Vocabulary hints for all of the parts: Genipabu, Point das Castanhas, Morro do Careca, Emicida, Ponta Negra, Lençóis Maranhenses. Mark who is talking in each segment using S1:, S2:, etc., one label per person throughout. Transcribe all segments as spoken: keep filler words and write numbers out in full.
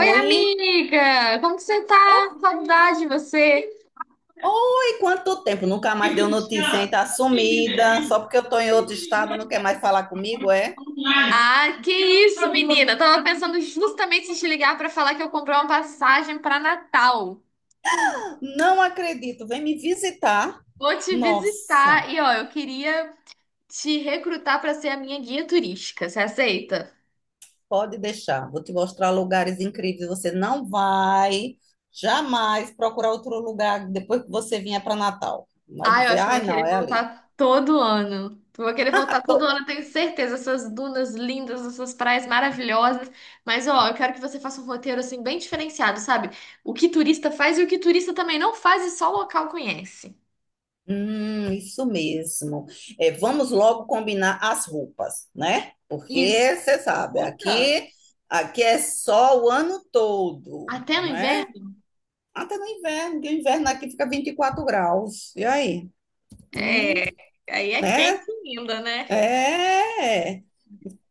S1: Oi, amiga! Como que você tá?
S2: Oh,
S1: Saudade de você!
S2: oi, quanto tempo? Nunca mais deu notícia, hein? Tá sumida. Só porque eu tô em outro estado, não quer mais falar comigo, é?
S1: Ah, que isso, menina! Tava pensando justamente em te ligar pra falar que eu comprei uma passagem pra Natal.
S2: Não acredito. Vem me visitar.
S1: Vou te
S2: Nossa,
S1: visitar e, ó, eu queria te recrutar pra ser a minha guia turística. Você aceita?
S2: pode deixar. Vou te mostrar lugares incríveis. Você não vai jamais procurar outro lugar depois que você vinha para Natal. Vai
S1: Ah, eu
S2: dizer,
S1: acho que eu vou
S2: ai, não,
S1: querer
S2: é ali.
S1: voltar todo ano. Eu vou querer voltar todo ano, eu tenho certeza. Essas dunas lindas, essas praias maravilhosas. Mas, ó, eu quero que você faça um roteiro, assim, bem diferenciado, sabe? O que turista faz e o que turista também não faz e só local conhece.
S2: Hum, isso mesmo. É, vamos logo combinar as roupas, né? Porque
S1: Isso.
S2: você sabe,
S1: Importante.
S2: aqui, aqui é só o ano todo,
S1: Até no
S2: né?
S1: inverno?
S2: Até no inverno, que o inverno aqui fica vinte e quatro graus. E aí? Hum,
S1: É, aí é
S2: né?
S1: quente ainda, né?
S2: É.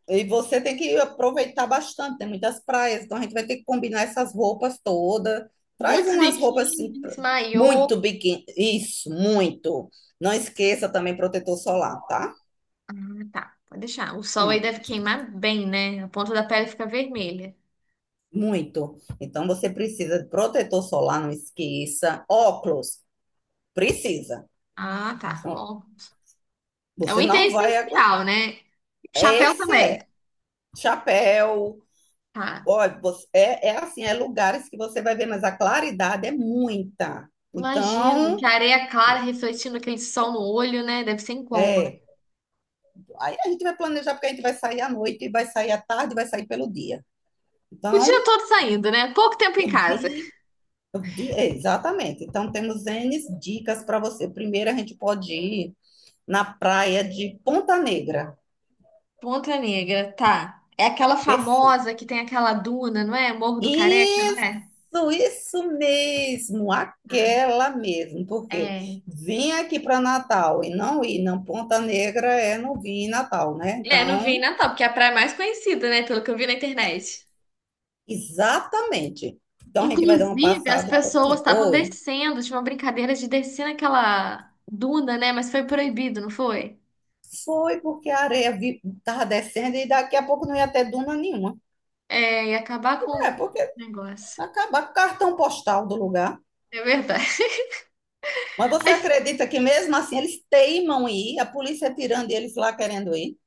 S2: E você tem que aproveitar bastante, tem muitas praias, então a gente vai ter que combinar essas roupas todas. Traz
S1: Muitos
S2: umas roupas assim,
S1: biquínis,
S2: pra-
S1: maiô.
S2: muito biquíni, isso, muito. Não esqueça também protetor solar, tá?
S1: Ah, tá, pode deixar. O sol aí
S2: Hum,
S1: deve queimar bem, né? A ponta da pele fica vermelha.
S2: muito. Então você precisa de protetor solar, não esqueça. Óculos, precisa.
S1: Ah, tá.
S2: Senão
S1: Ó. É um
S2: você
S1: item
S2: não vai aguentar.
S1: essencial, né? Chapéu
S2: Esse
S1: também.
S2: é. Chapéu.
S1: Tá.
S2: ó você- é, é assim, é lugares que você vai ver, mas a claridade é muita.
S1: Imagino
S2: Então,
S1: que areia clara refletindo aquele sol no olho, né? Deve ser incômodo.
S2: é. Aí a gente vai planejar, porque a gente vai sair à noite, vai sair à tarde, vai sair pelo dia.
S1: O dia
S2: Então,
S1: todo saindo, né? Pouco tempo em
S2: o
S1: casa.
S2: dia. o dia- é, exatamente. Então, temos ene dicas para você. Primeiro, a gente pode ir na praia de Ponta Negra.
S1: Ponta Negra, tá. É aquela
S2: Perfeito.
S1: famosa que tem aquela duna, não é? Morro do Careca, não
S2: Isso,
S1: é?
S2: isso mesmo,
S1: Tá.
S2: aquela mesmo, porque
S1: É.
S2: vim aqui para Natal e não ir, não, Ponta Negra é não vim em Natal, né?
S1: É, não vi em
S2: Então,
S1: Natal, porque é a praia mais conhecida, né? Pelo que eu vi na internet.
S2: exatamente. Então a gente vai dar uma
S1: Inclusive, as
S2: passada em Ponta
S1: pessoas
S2: Negra.
S1: estavam
S2: Oi.
S1: descendo, tinha uma brincadeira de descer naquela duna, né? Mas foi proibido, não foi?
S2: Foi porque a areia estava descendo e daqui a pouco não ia ter duna nenhuma.
S1: É, e acabar com
S2: É,
S1: o
S2: porque
S1: negócio.
S2: acabar com o cartão postal do lugar.
S1: É verdade.
S2: Mas você
S1: Aí,
S2: acredita que mesmo assim eles teimam em ir, a polícia tirando e eles lá querendo ir?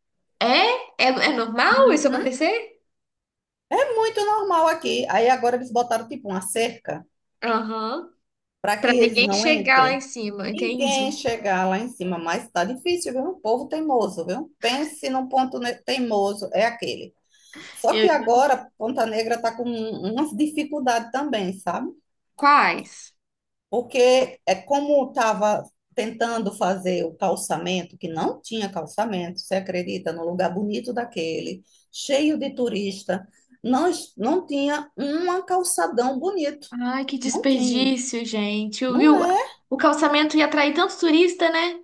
S1: é? É, é normal isso
S2: Uhum.
S1: acontecer?
S2: É muito normal aqui. Aí agora eles botaram tipo uma cerca
S1: Aham.
S2: para que
S1: Pra
S2: eles
S1: ninguém
S2: não
S1: chegar lá em
S2: entrem.
S1: cima,
S2: Ninguém
S1: entende
S2: chegar lá em cima, mas tá difícil, viu? O povo teimoso, viu? Pense num ponto ne- teimoso, é aquele. Só que
S1: Eu-
S2: agora Ponta Negra tá com um, umas dificuldades também, sabe?
S1: quais?
S2: Porque é como estava tentando fazer o calçamento, que não tinha calçamento, você acredita, no lugar bonito daquele, cheio de turista, não, es- não tinha um calçadão bonito.
S1: Ai, que
S2: Não tinha.
S1: desperdício, gente. O, e
S2: Não
S1: o
S2: é
S1: o calçamento ia atrair tanto turista, né?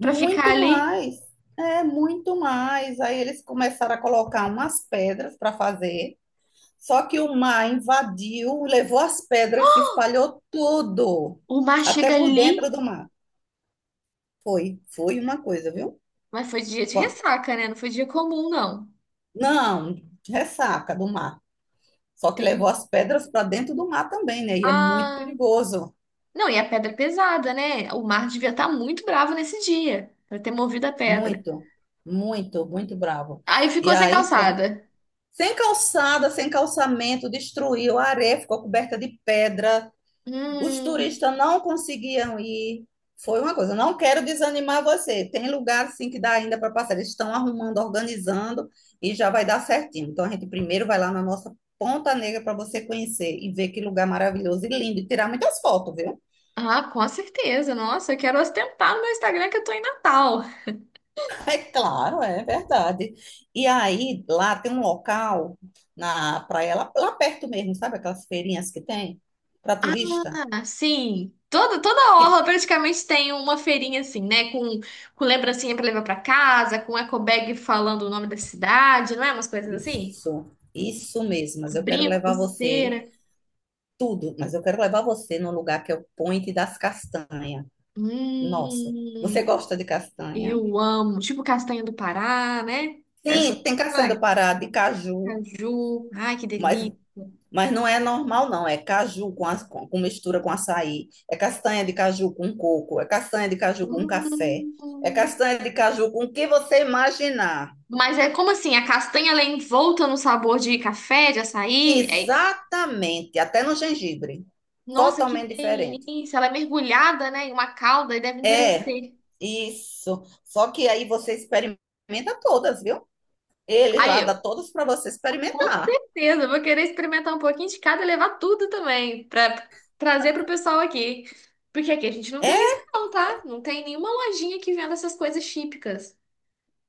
S1: Pra ficar ali.
S2: mais. É muito mais. Aí eles começaram a colocar umas pedras para fazer. Só que o mar invadiu, levou as pedras, se espalhou tudo,
S1: O mar
S2: até
S1: chega
S2: por
S1: ali.
S2: dentro do mar. Foi, foi uma coisa, viu?
S1: Mas foi dia de ressaca, né? Não foi dia comum, não.
S2: Não, ressaca do mar. Só que levou
S1: Tem...
S2: as pedras para dentro do mar também, né? E é muito
S1: Ah,
S2: perigoso.
S1: não, e a pedra é pesada, né? O mar devia estar muito bravo nesse dia, pra ter movido a pedra.
S2: Muito, muito, muito bravo.
S1: Aí
S2: E
S1: ficou sem
S2: aí, pronto.
S1: calçada.
S2: Sem calçada, sem calçamento, destruiu a areia, ficou coberta de pedra. Os
S1: Hum.
S2: turistas não conseguiam ir. Foi uma coisa. Não quero desanimar você. Tem lugar sim que dá ainda para passar. Eles estão arrumando, organizando e já vai dar certinho. Então a gente primeiro vai lá na nossa Ponta Negra para você conhecer e ver que lugar maravilhoso e lindo e tirar muitas fotos, viu?
S1: Ah, com certeza. Nossa, eu quero ostentar no meu Instagram que eu tô em Natal.
S2: É claro, é verdade. E aí lá tem um local na praia lá, lá perto mesmo, sabe aquelas feirinhas que tem para turista?
S1: Ah, sim. Toda, toda orla praticamente tem uma feirinha assim, né? Com, com lembrancinha pra levar pra casa, com eco bag falando o nome da cidade, não é? Umas coisas assim.
S2: Isso, isso mesmo. Mas eu quero
S1: Brinco,
S2: levar você
S1: pulseira.
S2: tudo, mas eu quero levar você num lugar que é o Point das Castanhas. Nossa, você
S1: Hum,
S2: gosta de castanha?
S1: eu amo. Tipo castanha do Pará, né? Essa.
S2: Sim, tem castanha do
S1: Ai,
S2: Pará, de caju,
S1: caju. Ai, que
S2: mas,
S1: delícia.
S2: mas não é normal, não. É caju com, as- com, com mistura com açaí, é castanha de caju com coco, é castanha de caju com café, é
S1: Hum.
S2: castanha de caju com o que você imaginar.
S1: Mas é como assim? A castanha ela é envolta no sabor de café, de açaí? É-
S2: Exatamente, até no gengibre.
S1: Nossa, que
S2: Totalmente diferente.
S1: delícia! Ela é mergulhada, né, em uma calda e deve
S2: É,
S1: endurecer.
S2: isso. Só que aí você experimenta todas, viu? Ele
S1: Aí
S2: lá dá
S1: eu,
S2: todos para você
S1: com
S2: experimentar.
S1: certeza, eu vou querer experimentar um pouquinho de cada e levar tudo também, pra trazer pro pessoal aqui. Porque aqui a gente não tem isso,
S2: É?
S1: não, tá? Não tem nenhuma lojinha que venda essas coisas típicas.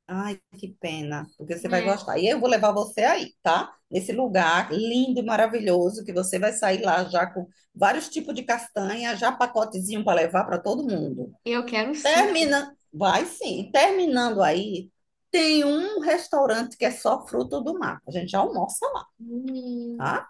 S2: Ai, que pena, porque você vai
S1: É,
S2: gostar. E eu vou levar você aí, tá? Nesse lugar lindo e maravilhoso, que você vai sair lá já com vários tipos de castanha, já pacotezinho para levar para todo mundo.
S1: eu quero um suco.
S2: Termina, vai sim. Terminando aí, tem um restaurante que é só fruto do mar. A gente já almoça lá,
S1: Hum.
S2: tá?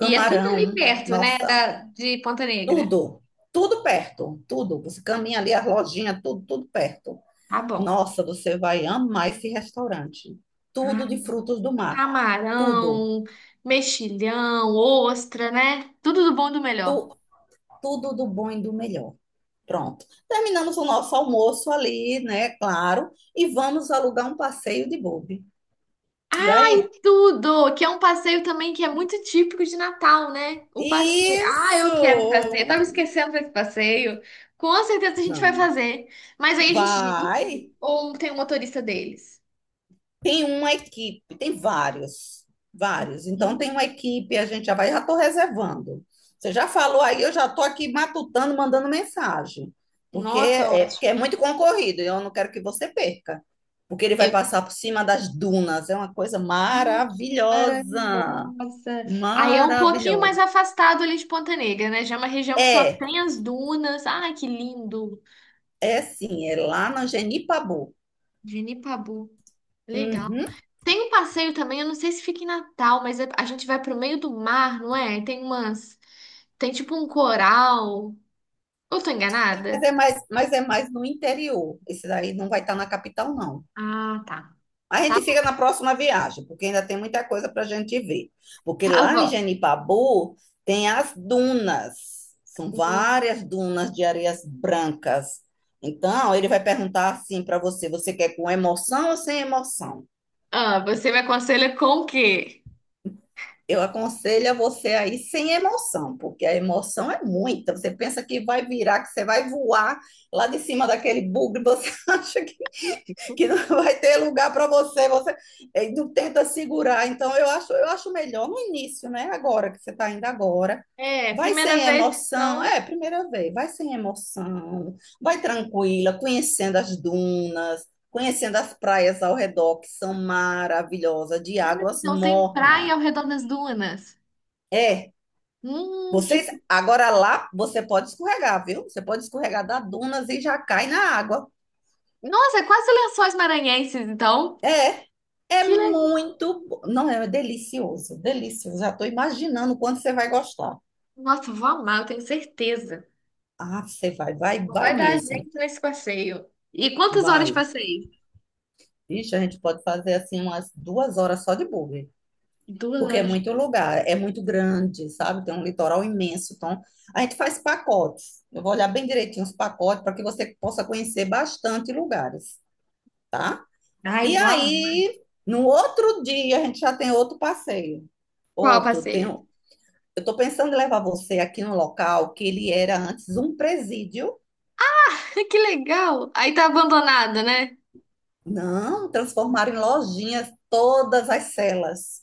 S1: E é tudo ali perto, né,
S2: nossa,
S1: da, de Ponta Negra.
S2: tudo, tudo perto, tudo. Você caminha ali, as lojinhas, tudo, tudo perto.
S1: Tá bom.
S2: Nossa, você vai amar esse restaurante. Tudo de frutos do mar. Tudo.
S1: Camarão, mexilhão, ostra, né? Tudo do bom e do melhor.
S2: Tu- tudo do bom e do melhor. Pronto. Terminamos o nosso almoço ali, né? Claro. E vamos alugar um passeio de buggy. E aí?
S1: Tudo! Que é um passeio também que é muito típico de Natal, né? O passeio. Ah, eu
S2: Isso!
S1: quero fazer. Eu tava esquecendo desse passeio. Com certeza a gente vai
S2: Não.
S1: fazer. Mas aí a gente dirige
S2: Vai.
S1: ou tem um motorista deles?
S2: Tem uma equipe, tem vários, vários. Então tem
S1: Hum,
S2: uma equipe, a gente já vai, já estou reservando. Você já falou aí, eu já estou aqui matutando, mandando mensagem, porque
S1: Nossa,
S2: é, porque
S1: ótimo.
S2: é muito concorrido, e eu não quero que você perca, porque ele vai
S1: Eu...
S2: passar por cima das dunas, é uma coisa
S1: Ai, que
S2: maravilhosa,
S1: maravilhosa. Aí é um pouquinho mais
S2: maravilhosa.
S1: afastado ali de Ponta Negra, né? Já é uma região que só
S2: É,
S1: tem as dunas. Ai, que lindo!
S2: é sim, é lá na Genipabu.
S1: Genipabu. Legal.
S2: Uhum.
S1: Tem um passeio também, eu não sei se fica em Natal, mas é- a gente vai pro meio do mar, não é? E tem umas. Tem tipo um coral. Eu tô
S2: Mas
S1: enganada?
S2: é mais, mas é mais no interior. Esse daí não vai estar na capital, não.
S1: Ah, tá.
S2: A
S1: Tá,
S2: gente fica
S1: bom,
S2: na próxima viagem, porque ainda tem muita coisa para a gente ver. Porque
S1: tá
S2: lá em
S1: bom.
S2: Genipabu tem as dunas, são
S1: Não.
S2: várias dunas de areias brancas. Então, ele vai perguntar assim para você: você quer com emoção ou sem emoção?
S1: Ah, você me aconselha com o quê?
S2: Eu aconselho a você aí sem emoção, porque a emoção é muita. Você pensa que vai virar, que você vai voar lá de cima daquele bugre, você acha que, que não vai ter lugar para você, você eh, não tenta segurar. Então, eu acho, eu acho melhor no início, né? Agora que você está indo agora.
S1: É,
S2: Vai
S1: primeira
S2: sem
S1: vez,
S2: emoção,
S1: então.
S2: é, primeira vez, vai sem emoção, vai tranquila, conhecendo as dunas, conhecendo as praias ao redor, que são maravilhosas, de
S1: Ah,
S2: águas
S1: então tem praia
S2: mornas.
S1: ao redor das dunas.
S2: É
S1: Hum, que.
S2: vocês, agora lá, você pode escorregar, viu? Você pode escorregar da dunas e já cai na água.
S1: Nossa, é quase Lençóis Maranhenses, então.
S2: É, é
S1: Que legal.
S2: muito, bo- não, é delicioso, delicioso. Já estou imaginando o quanto você vai gostar.
S1: Nossa, eu vou amar, eu tenho certeza.
S2: Ah, você vai, vai,
S1: Não
S2: vai
S1: vai dar
S2: mesmo,
S1: jeito nesse passeio. E quantas horas
S2: vai.
S1: passei?
S2: Vixe, a gente pode fazer assim umas duas horas só de buggy,
S1: Duas
S2: porque é
S1: horas.
S2: muito lugar, é muito grande, sabe? Tem um litoral imenso, então a gente faz pacotes. Eu vou olhar bem direitinho os pacotes para que você possa conhecer bastante lugares.
S1: Ai,
S2: E
S1: vou amar.
S2: aí, no outro dia, a gente já tem outro passeio.
S1: Qual
S2: Outro, tem,
S1: passeio?
S2: um- eu estou pensando em levar você aqui num local que ele era antes um presídio.
S1: Que legal! Aí tá abandonada, né?
S2: Não, transformaram em lojinhas todas as celas.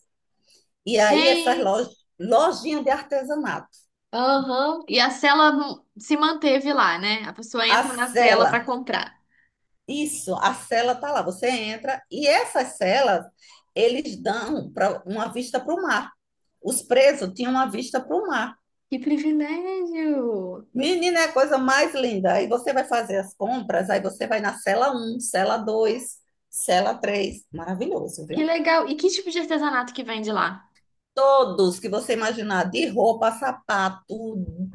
S2: E aí, essas
S1: Gente,
S2: lojas, lojinha de artesanato.
S1: aham. E a cela não- se manteve lá, né? A pessoa
S2: A
S1: entra na cela
S2: cela,
S1: pra comprar.
S2: isso, a cela tá lá. Você entra e essas celas, eles dão para uma vista para o mar. Os presos tinham uma vista para o mar.
S1: Que privilégio!
S2: Menina, é a coisa mais linda. Aí você vai fazer as compras, aí você vai na cela um, cela dois, cela três, maravilhoso,
S1: Que
S2: viu?
S1: legal! E que tipo de artesanato que vende lá?
S2: Todos que você imaginar, de roupa, sapato,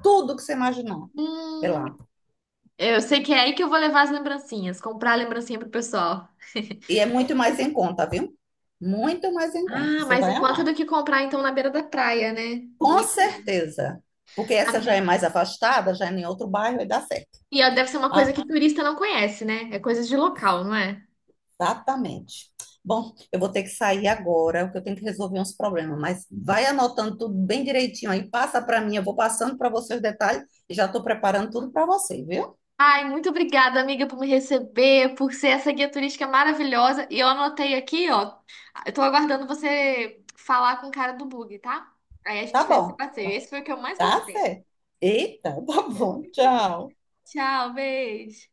S2: tudo que você imaginar, sei
S1: Hum,
S2: lá.
S1: eu sei que é aí que eu vou levar as lembrancinhas, comprar a lembrancinha pro pessoal.
S2: E é muito mais em conta, viu? Muito mais em conta.
S1: Ah,
S2: Você
S1: mais em
S2: vai
S1: conta
S2: amar.
S1: do que comprar então na beira da praia, né?
S2: Com
S1: Boa
S2: certeza. Porque essa já é
S1: ideia.
S2: mais afastada, já é em outro bairro e dá certo.
S1: E ó, deve ser uma coisa que turista não conhece, né? É coisa de local, não é?
S2: Exatamente. Bom, eu vou ter que sair agora, porque eu tenho que resolver uns problemas, mas vai anotando tudo bem direitinho aí, passa para mim, eu vou passando para você os detalhes e já estou preparando tudo para você, viu?
S1: Ai, muito obrigada, amiga, por me receber, por ser essa guia turística maravilhosa. E eu anotei aqui, ó. Eu tô aguardando você falar com o cara do bug, tá? Aí a
S2: Tá
S1: gente faz esse
S2: bom,
S1: passeio. Esse foi o que eu mais
S2: tá,
S1: gostei.
S2: Fê? Eita, tá bom, tchau.
S1: Tchau, beijo.